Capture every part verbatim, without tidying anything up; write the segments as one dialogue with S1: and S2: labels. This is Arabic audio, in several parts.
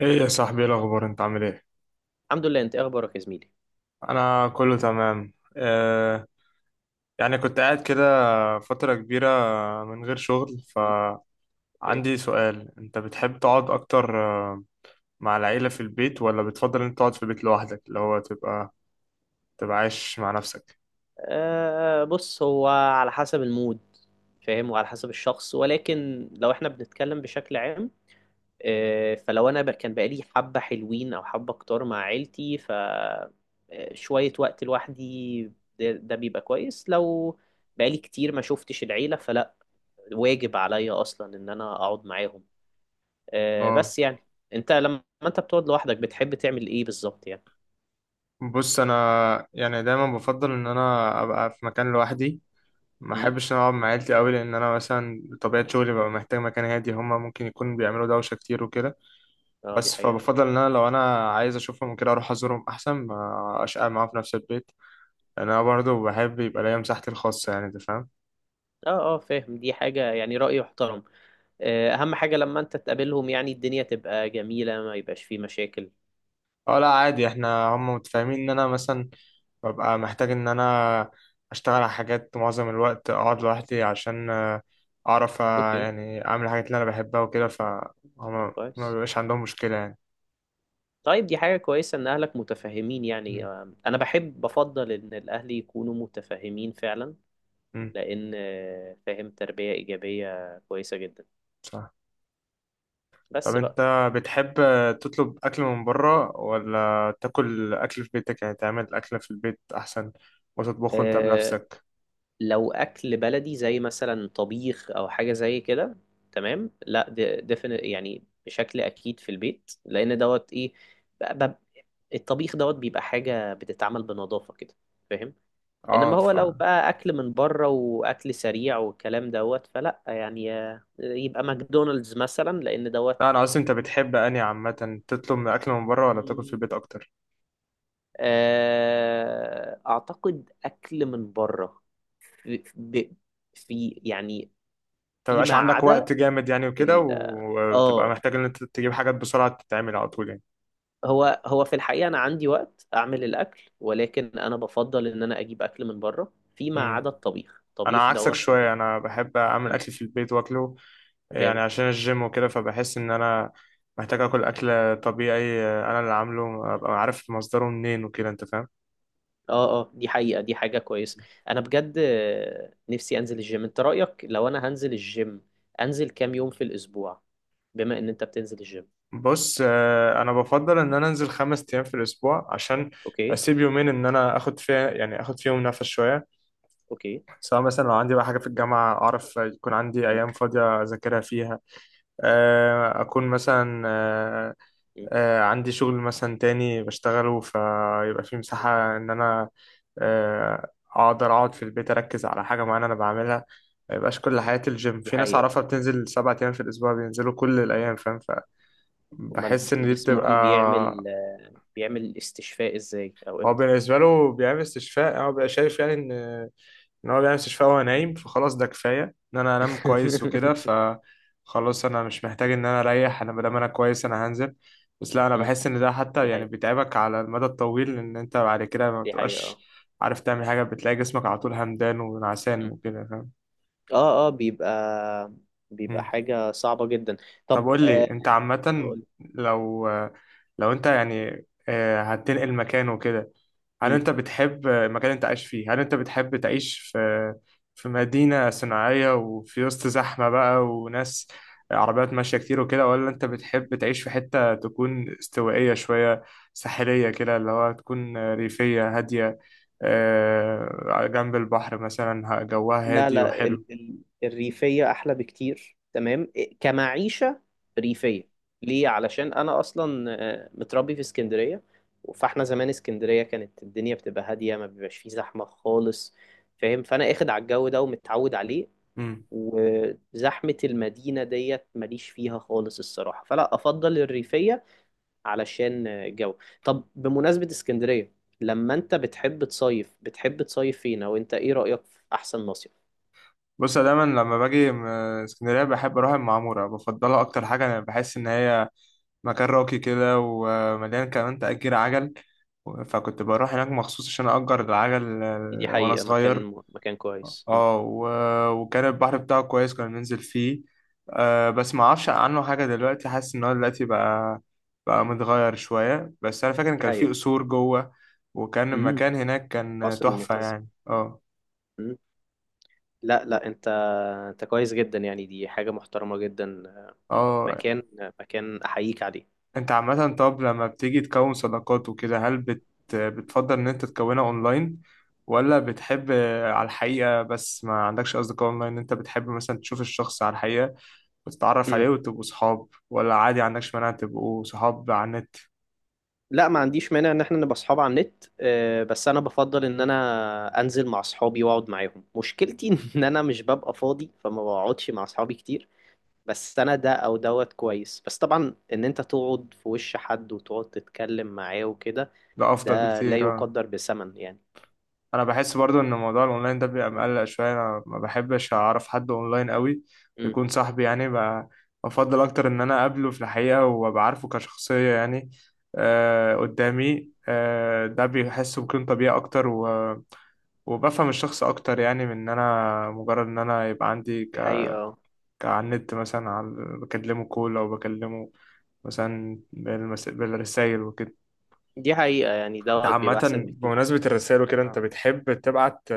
S1: ايه يا صاحبي، ايه الاخبار؟ انت عامل ايه؟
S2: الحمد لله. انت ايه اخبارك يا زميلي؟
S1: انا كله تمام. آه يعني كنت قاعد كده فترة كبيرة من غير شغل.
S2: مم، اوكي.
S1: فعندي سؤال، انت بتحب تقعد اكتر آه، مع العيلة في البيت ولا بتفضل انت تقعد في البيت لوحدك، اللي هو تبقى تبقى عايش مع نفسك؟
S2: أه بص، هو على حسب المود، فاهم، وعلى حسب الشخص. ولكن لو احنا بنتكلم بشكل عام، أه فلو انا ب- كان بقالي حبة حلوين او حبة كتار مع عيلتي، ف آه، شوية وقت لوحدي ده, ده بيبقى كويس. لو بقالي كتير ما شفتش العيلة، فلا، واجب عليا اصلا ان انا اقعد معاهم. أه
S1: اه،
S2: بس يعني، انت لما انت بتقعد لوحدك بتحب تعمل ايه بالظبط يعني؟
S1: بص انا يعني دايما بفضل ان انا ابقى في مكان لوحدي. ما
S2: امم.
S1: احبش ان انا اقعد مع عيلتي قوي لان انا مثلا طبيعة شغلي ببقى محتاج مكان هادي، هما ممكن يكون بيعملوا دوشة كتير وكده.
S2: اه، دي
S1: بس
S2: حقيقة.
S1: فبفضل ان انا لو انا عايز اشوفهم كده اروح ازورهم احسن ما اشقى معاهم في نفس البيت، لان انا برضو بحب يبقى ليا مساحتي الخاصه، يعني انت فاهم.
S2: اه، اه، فاهم، دي حاجة يعني رأي يحترم. آه، أهم حاجة لما أنت تقابلهم يعني الدنيا تبقى جميلة، ما يبقاش فيه مشاكل.
S1: اه لا عادي، احنا هم متفاهمين ان انا مثلا ببقى محتاج ان انا اشتغل على حاجات معظم الوقت اقعد لوحدي عشان آه، اعرف، آه،
S2: أوكي،
S1: يعني اعمل الحاجات اللي انا بحبها وكده، فهم. ما
S2: كويس.
S1: بيبقاش عندهم مشكله يعني.
S2: طيب، دي حاجة كويسة إن أهلك متفهمين يعني.
S1: م-
S2: آه، أنا بحب بفضل إن الأهل يكونوا متفهمين فعلا،
S1: م،
S2: لأن آه، فاهم، تربية إيجابية كويسة جدا.
S1: صح. طب
S2: بس بقى
S1: انت بتحب تطلب اكل من بره ولا تاكل اكل في بيتك، يعني تعمل اكل في البيت احسن وتطبخه انت
S2: آه،
S1: بنفسك؟
S2: لو اكل بلدي زي مثلا طبيخ او حاجه زي كده، تمام. لا، دفن يعني بشكل اكيد في البيت، لان دوت ايه ب- ب- الطبيخ دوت بيبقى حاجه بتتعمل بنظافه كده، فاهم.
S1: اه.
S2: انما هو
S1: ف
S2: لو بقى اكل من بره واكل سريع والكلام دوت، فلا يعني، آه، يبقى ماكدونالدز مثلا لان دوت.
S1: لا انا قصدي انت بتحب اني عامه تطلب من اكل من بره ولا تاكل في البيت اكتر؟
S2: آه، اعتقد اكل من بره في, ب- في يعني
S1: انت مبقاش
S2: فيما
S1: عندك
S2: عدا.
S1: وقت جامد يعني وكده، وبتبقى
S2: اه،
S1: محتاج ان انت تجيب حاجات بسرعه تتعمل على طول يعني؟
S2: هو هو في الحقيقة أنا عندي وقت أعمل الأكل، ولكن أنا بفضل إن أنا أجيب أكل من بره فيما
S1: امم.
S2: عدا الطبيخ.
S1: انا
S2: الطبيخ
S1: عكسك
S2: دوت في
S1: شويه،
S2: البيت.
S1: انا بحب اعمل
S2: مم.
S1: اكل في البيت واكله يعني
S2: جامد.
S1: عشان الجيم وكده، فبحس ان انا محتاج اكل، اكل طبيعي آه، انا اللي عامله،
S2: مم.
S1: ابقى عارف مصدره منين وكده، انت فاهم.
S2: اه، اه، دي حقيقة، دي حاجة كويسة. أنا بجد آه، نفسي أنزل الجيم. أنت رأيك لو أنا هنزل الجيم، أنزل كام يوم في الأسبوع، بما إن أنت بتنزل الجيم؟
S1: بص آه، انا بفضل ان انا انزل خمس ايام في الاسبوع عشان
S2: أوكي.
S1: اسيب يومين ان انا اخد فيها، يعني اخد فيهم نفس شويه،
S2: أوكي.
S1: سواء مثلا لو عندي بقى حاجه في الجامعه اعرف يكون عندي
S2: مم.
S1: ايام فاضيه اذاكرها فيها، آه، اكون مثلا، آه،
S2: مم.
S1: آه، عندي شغل مثلا تاني بشتغله، فيبقى في
S2: مم.
S1: مساحة إن أنا آه، أقدر أقعد في البيت أركز على حاجة معينة أنا بعملها. ما يبقاش كل حياتي الجيم.
S2: دي
S1: في ناس
S2: حقيقة.
S1: أعرفها بتنزل سبعة أيام في الأسبوع، بينزلوا كل الأيام، فاهم؟
S2: أمال
S1: فبحس إن دي بتبقى.
S2: جسمهم بيعمل بيعمل استشفاء إزاي أو
S1: هو
S2: إمتى؟
S1: بالنسبة له بيعمل استشفاء، هو بيبقى شايف يعني إن ان هو بيعمل استشفاء وهو
S2: مم.
S1: نايم فخلاص ده كفايه. ان انا انام كويس وكده فخلاص انا مش محتاج ان انا اريح، انا مادام انا كويس انا هنزل. بس لا انا
S2: مم.
S1: بحس ان ده حتى
S2: دي
S1: يعني
S2: حقيقة،
S1: بيتعبك على المدى الطويل، ان انت بعد كده ما
S2: دي حقيقة، اه.
S1: بتبقاش عارف تعمل حاجه، بتلاقي جسمك على طول همدان ونعسان
S2: مم.
S1: وكده، فاهم؟
S2: اه، اه، بيبقى بيبقى
S1: مم.
S2: حاجة صعبة جدا.
S1: طب
S2: طب
S1: قول
S2: آه
S1: لي انت عامه،
S2: أقول-
S1: لو لو انت يعني آه، هتنقل مكان وكده، هل
S2: مم.
S1: انت بتحب المكان اللي انت عايش فيه؟ هل انت بتحب تعيش في في مدينة صناعية وفي وسط زحمة بقى وناس، عربيات ماشية كتير وكده، ولا انت بتحب تعيش في حتة تكون استوائية شوية، ساحلية كده، اللي هو تكون ريفية هادية، آه، على جنب البحر مثلا، ه- جوها
S2: لا،
S1: هادي
S2: لا، ال
S1: وحلو؟
S2: ال الريفية أحلى بكتير، تمام إيه، كمعيشة ريفية. ليه؟ علشان أنا أصلا آه، متربي في اسكندرية. فاحنا زمان اسكندرية كانت الدنيا بتبقى هادية، ما بيبقاش فيه زحمة خالص، فاهم. فأنا اخد على الجو ده ومتعود عليه.
S1: مم.
S2: وزحمة المدينة ديت ماليش فيها خالص الصراحة، فلا، أفضل الريفية علشان الجو. طب بمناسبة اسكندرية، لما انت بتحب تصيف بتحب تصيف فين؟ او انت ايه رأيك في احسن مصيف؟
S1: بص أنا دايما لما باجي م- اسكندرية بحب اروح المعمورة، بفضلها اكتر حاجة. انا بحس ان هي مكان راقي كده، ومليان كمان تأجير عجل، فكنت بروح هناك مخصوص عشان أجر العجل
S2: دي
S1: آه، وأنا
S2: حقيقة،
S1: صغير.
S2: مكان مكان كويس. مم.
S1: اه، و- وكان البحر بتاعه كويس، كنا بننزل فيه. آه بس ما اعرفش عنه حاجة دلوقتي، حاسس ان هو دلوقتي بقى بقى متغير شوية، بس انا فاكر ان
S2: دي
S1: كان فيه
S2: حقيقة.
S1: قصور جوه وكان
S2: امم.
S1: المكان هناك كان
S2: قصر
S1: تحفة
S2: المنتزه.
S1: يعني. اه.
S2: مم. لا، لا، انت انت كويس جدا يعني، دي حاجة محترمة جدا.
S1: اه
S2: مكان مكان احييك عليه.
S1: انت عامة، طب لما بتيجي تكون صداقات وكده، هل بت... بتفضل ان انت تكونها اونلاين ولا بتحب على الحقيقة بس؟ ما عندكش اصدقاء اونلاين؟ انت بتحب مثلا تشوف الشخص على الحقيقة وتتعرف
S2: مم.
S1: عليه وتبقوا صحاب، ولا عادي عندكش مانع تبقوا صحاب على النت؟
S2: لا، ما عنديش مانع ان احنا نبقى اصحاب على النت. آه، بس انا بفضل ان انا انزل مع اصحابي واقعد معاهم. مشكلتي ان انا مش ببقى فاضي فما بقعدش مع اصحابي كتير. بس انا ده او دوت كويس، بس طبعا ان انت تقعد في وش حد وتقعد تتكلم معاه وكده،
S1: ده افضل
S2: ده لا
S1: بكتير. اه.
S2: يقدر بثمن يعني.
S1: انا بحس برضو ان موضوع الاونلاين ده بيبقى مقلق شويه، انا ما بحبش اعرف حد اونلاين قوي
S2: امم،
S1: بيكون صاحبي، يعني ب- بفضل اكتر ان انا اقابله في الحقيقه وابقى عارفه كشخصيه يعني آه قدامي. آه ده بيحس بيكون طبيعي اكتر و... وبفهم الشخص اكتر يعني، من ان انا مجرد ان انا يبقى عندي ك...
S2: دي حقيقة. آه.
S1: كعلى النت مثلا، على... بكلمه كول او بكلمه مثلا بالمس... بالرسائل وكده.
S2: دي حقيقة، يعني
S1: انت
S2: دوت
S1: عامه،
S2: بيبقى احسن بكتير.
S1: بمناسبه الرسائل وكده،
S2: آه.
S1: انت بتحب تبعت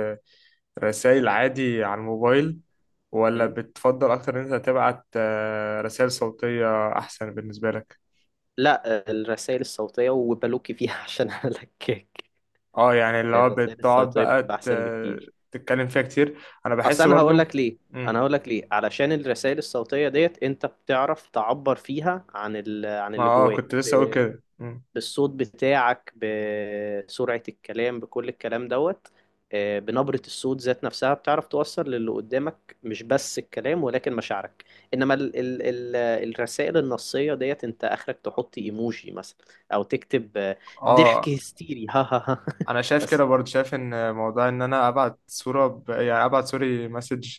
S1: رسائل عادي على الموبايل ولا
S2: امم.
S1: بتفضل أكتر إن أنت تبعت آه، رسائل صوتية أحسن بالنسبة لك؟
S2: لا، الرسائل الصوتية وبلوكي فيها عشان هلكك.
S1: اه يعني اللي هو
S2: الرسائل
S1: بتقعد
S2: الصوتية
S1: بقى
S2: بتبقى احسن
S1: ت-
S2: بكتير.
S1: تتكلم فيها كتير. أنا
S2: اصل
S1: بحس
S2: انا هقول
S1: برضو.
S2: لك ليه،
S1: مم.
S2: انا هقول لك ليه علشان الرسائل الصوتية ديت انت بتعرف تعبر فيها عن ال... عن
S1: ما
S2: اللي
S1: اه
S2: جواك
S1: كنت لسه أقول كده. مم.
S2: بالصوت بتاعك، بسرعة الكلام، بكل الكلام دوت. آه، بنبرة الصوت ذات نفسها بتعرف توصل للي قدامك مش بس الكلام ولكن مشاعرك. انما ال ال ال الرسائل النصية ديت انت اخرك تحط ايموجي مثلا، او تكتب آه، ضحك
S1: اه.
S2: هستيري، ها ها ها.
S1: أنا شايف كده
S2: بس
S1: برضو، شايف إن موضوع إن أنا أبعت صورة ب... يعني أبعت سوري مسج،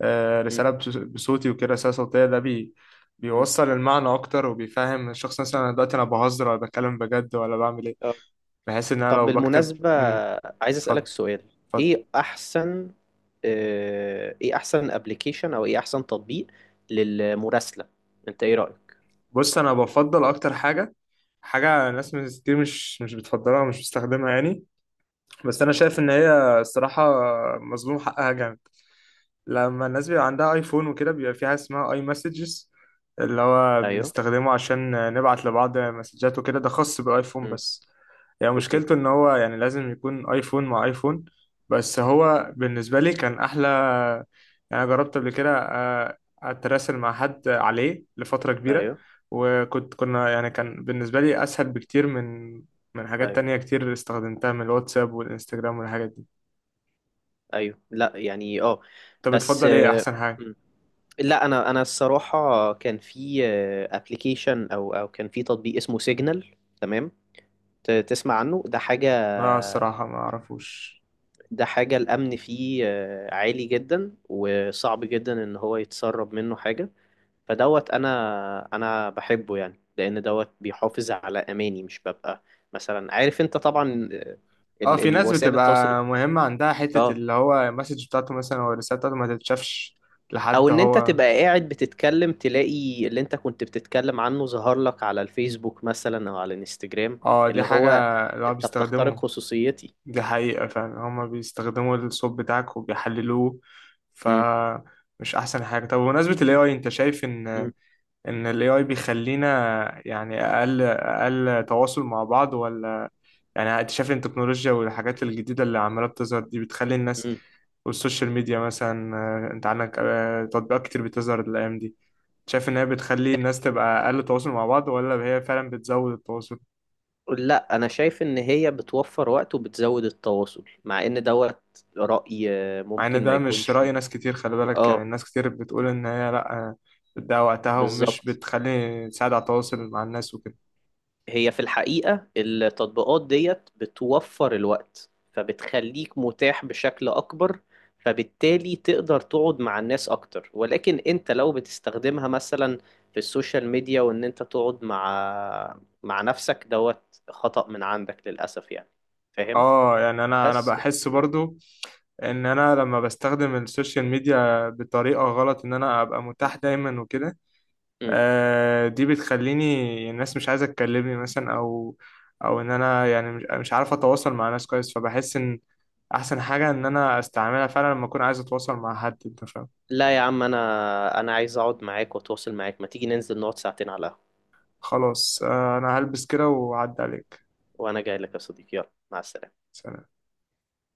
S1: آه،
S2: م-
S1: رسالة بص- بصوتي وكده، رسالة صوتية ده بي...
S2: م.
S1: بيوصل المعنى أكتر، وبيفهم الشخص مثلا أنا دلوقتي أنا بهزر ولا بتكلم بجد ولا بعمل إيه،
S2: آه.
S1: بحيث ان انا
S2: طب
S1: لو بكتب
S2: بالمناسبة،
S1: امم
S2: عايز اسألك
S1: اتفضل،
S2: سؤال.
S1: اتفضل.
S2: ايه احسن آه، ايه احسن ابلكيشن او ايه احسن تطبيق للمراسلة؟ انت ايه رأيك؟
S1: بص انا بفضل اكتر حاجه، حاجه ناس مش- كتير مش مش بتفضلها ومش بتستخدمها يعني، بس انا شايف ان هي الصراحه مظلوم حقها جامد. لما الناس بيبقى عندها ايفون وكده، بيبقى في حاجه اسمها اي مسجز، اللي هو
S2: ايوه.
S1: بنستخدمه عشان نبعت لبعض مسجات وكده، ده خاص بالايفون
S2: امم.
S1: بس، يعني
S2: اوكي.
S1: مشكلته ان هو يعني لازم يكون ايفون مع ايفون. بس هو بالنسبه لي كان احلى، يعني أنا جربت قبل كده آه، اتراسل مع حد عليه لفتره كبيره،
S2: ايوه،
S1: وكنت كنا يعني كان بالنسبه لي اسهل بكتير من، من حاجات
S2: ايوه،
S1: تانية كتير استخدمتها، من الواتساب والانستجرام والحاجات دي.
S2: ايوه. لا يعني، اه.
S1: طب
S2: بس
S1: بتفضل ايه
S2: آه،
S1: احسن حاجه؟
S2: مم. لا، انا انا الصراحه كان في ابلكيشن او او كان في تطبيق اسمه سيجنال، تمام. ت- تسمع عنه، ده حاجه؟
S1: لا الصراحة ما اعرفوش.
S2: ده حاجه الامن فيه آه، عالي جدا، وصعب جدا ان هو يتسرب منه حاجه. فدوت انا انا بحبه يعني، لان دوت بيحافظ على اماني. مش ببقى مثلا، عارف انت طبعا آه،
S1: اه
S2: ال-
S1: في
S2: ال-
S1: ناس
S2: وسائل التواصل.
S1: بتبقى مهمة عندها حتة
S2: اه.
S1: اللي هو المسج بتاعته مثلا او الرسالة بتاعته ما تتشافش
S2: او
S1: لحد
S2: ان انت
S1: هو.
S2: تبقى قاعد بتتكلم تلاقي اللي انت كنت بتتكلم عنه ظهر لك على الفيسبوك مثلا او على الانستجرام.
S1: اه دي
S2: اللي
S1: حاجة
S2: هو
S1: اللي هو
S2: انت بتخترق
S1: بيستخدمه.
S2: خصوصيتي.
S1: دي حقيقة فعلا، هما بيستخدموا الصوت بتاعك وبيحللوه. ف
S2: مم.
S1: مش احسن حاجة. طب بمناسبة ال A I، انت شايف ان
S2: مم.
S1: ان ال A I بيخلينا يعني اقل اقل تواصل مع بعض؟ ولا يعني اكتشاف التكنولوجيا والحاجات الجديدة اللي عمالة بتظهر دي بتخلي الناس،
S2: مم.
S1: والسوشيال ميديا مثلا، آه، انت عندك آه، تطبيقات كتير بتظهر الايام دي، شايف ان هي بتخلي الناس تبقى اقل تواصل مع بعض ولا هي فعلا بتزود التواصل؟
S2: لا، انا شايف ان هي بتوفر وقت وبتزود التواصل، مع ان دوت رأي آه،
S1: مع ان
S2: ممكن ما
S1: ده مش
S2: يكونش.
S1: رأي ناس كتير، خلي بالك، يعني
S2: اه،
S1: الناس كتير بتقول ان هي لا، آه، بتضيع وقتها ومش
S2: بالظبط.
S1: بتخلي تساعد على التواصل مع الناس وكده.
S2: هي في الحقيقة التطبيقات ديت بتوفر الوقت فبتخليك متاح بشكل أكبر، فبالتالي تقدر تقعد مع الناس أكتر. ولكن أنت لو بتستخدمها مثلا في السوشيال ميديا، وإن أنت تقعد مع مع نفسك، دوت خطأ من عندك للأسف يعني، فاهم؟
S1: اه يعني انا انا
S2: بس
S1: بحس
S2: م-
S1: برضو ان انا لما بستخدم السوشيال ميديا بطريقة غلط ان انا ابقى
S2: م-
S1: متاح دايما وكده،
S2: م.
S1: آه، دي بتخليني الناس مش عايزة تكلمني مثلا، أو أو إن أنا يعني مش مش عارف أتواصل مع ناس كويس، فبحس إن أحسن حاجة إن أنا أستعملها فعلا لما أكون عايز أتواصل مع حد، أنت فاهم.
S2: لا يا عم، أنا أنا عايز أقعد معاك وأتواصل معاك. ما تيجي ننزل نقعد ساعتين على القهوة؟
S1: خلاص آه، أنا هلبس كده وأعدي عليك.
S2: وأنا جاي لك يا صديقي، يلا، مع السلامة.
S1: سلام.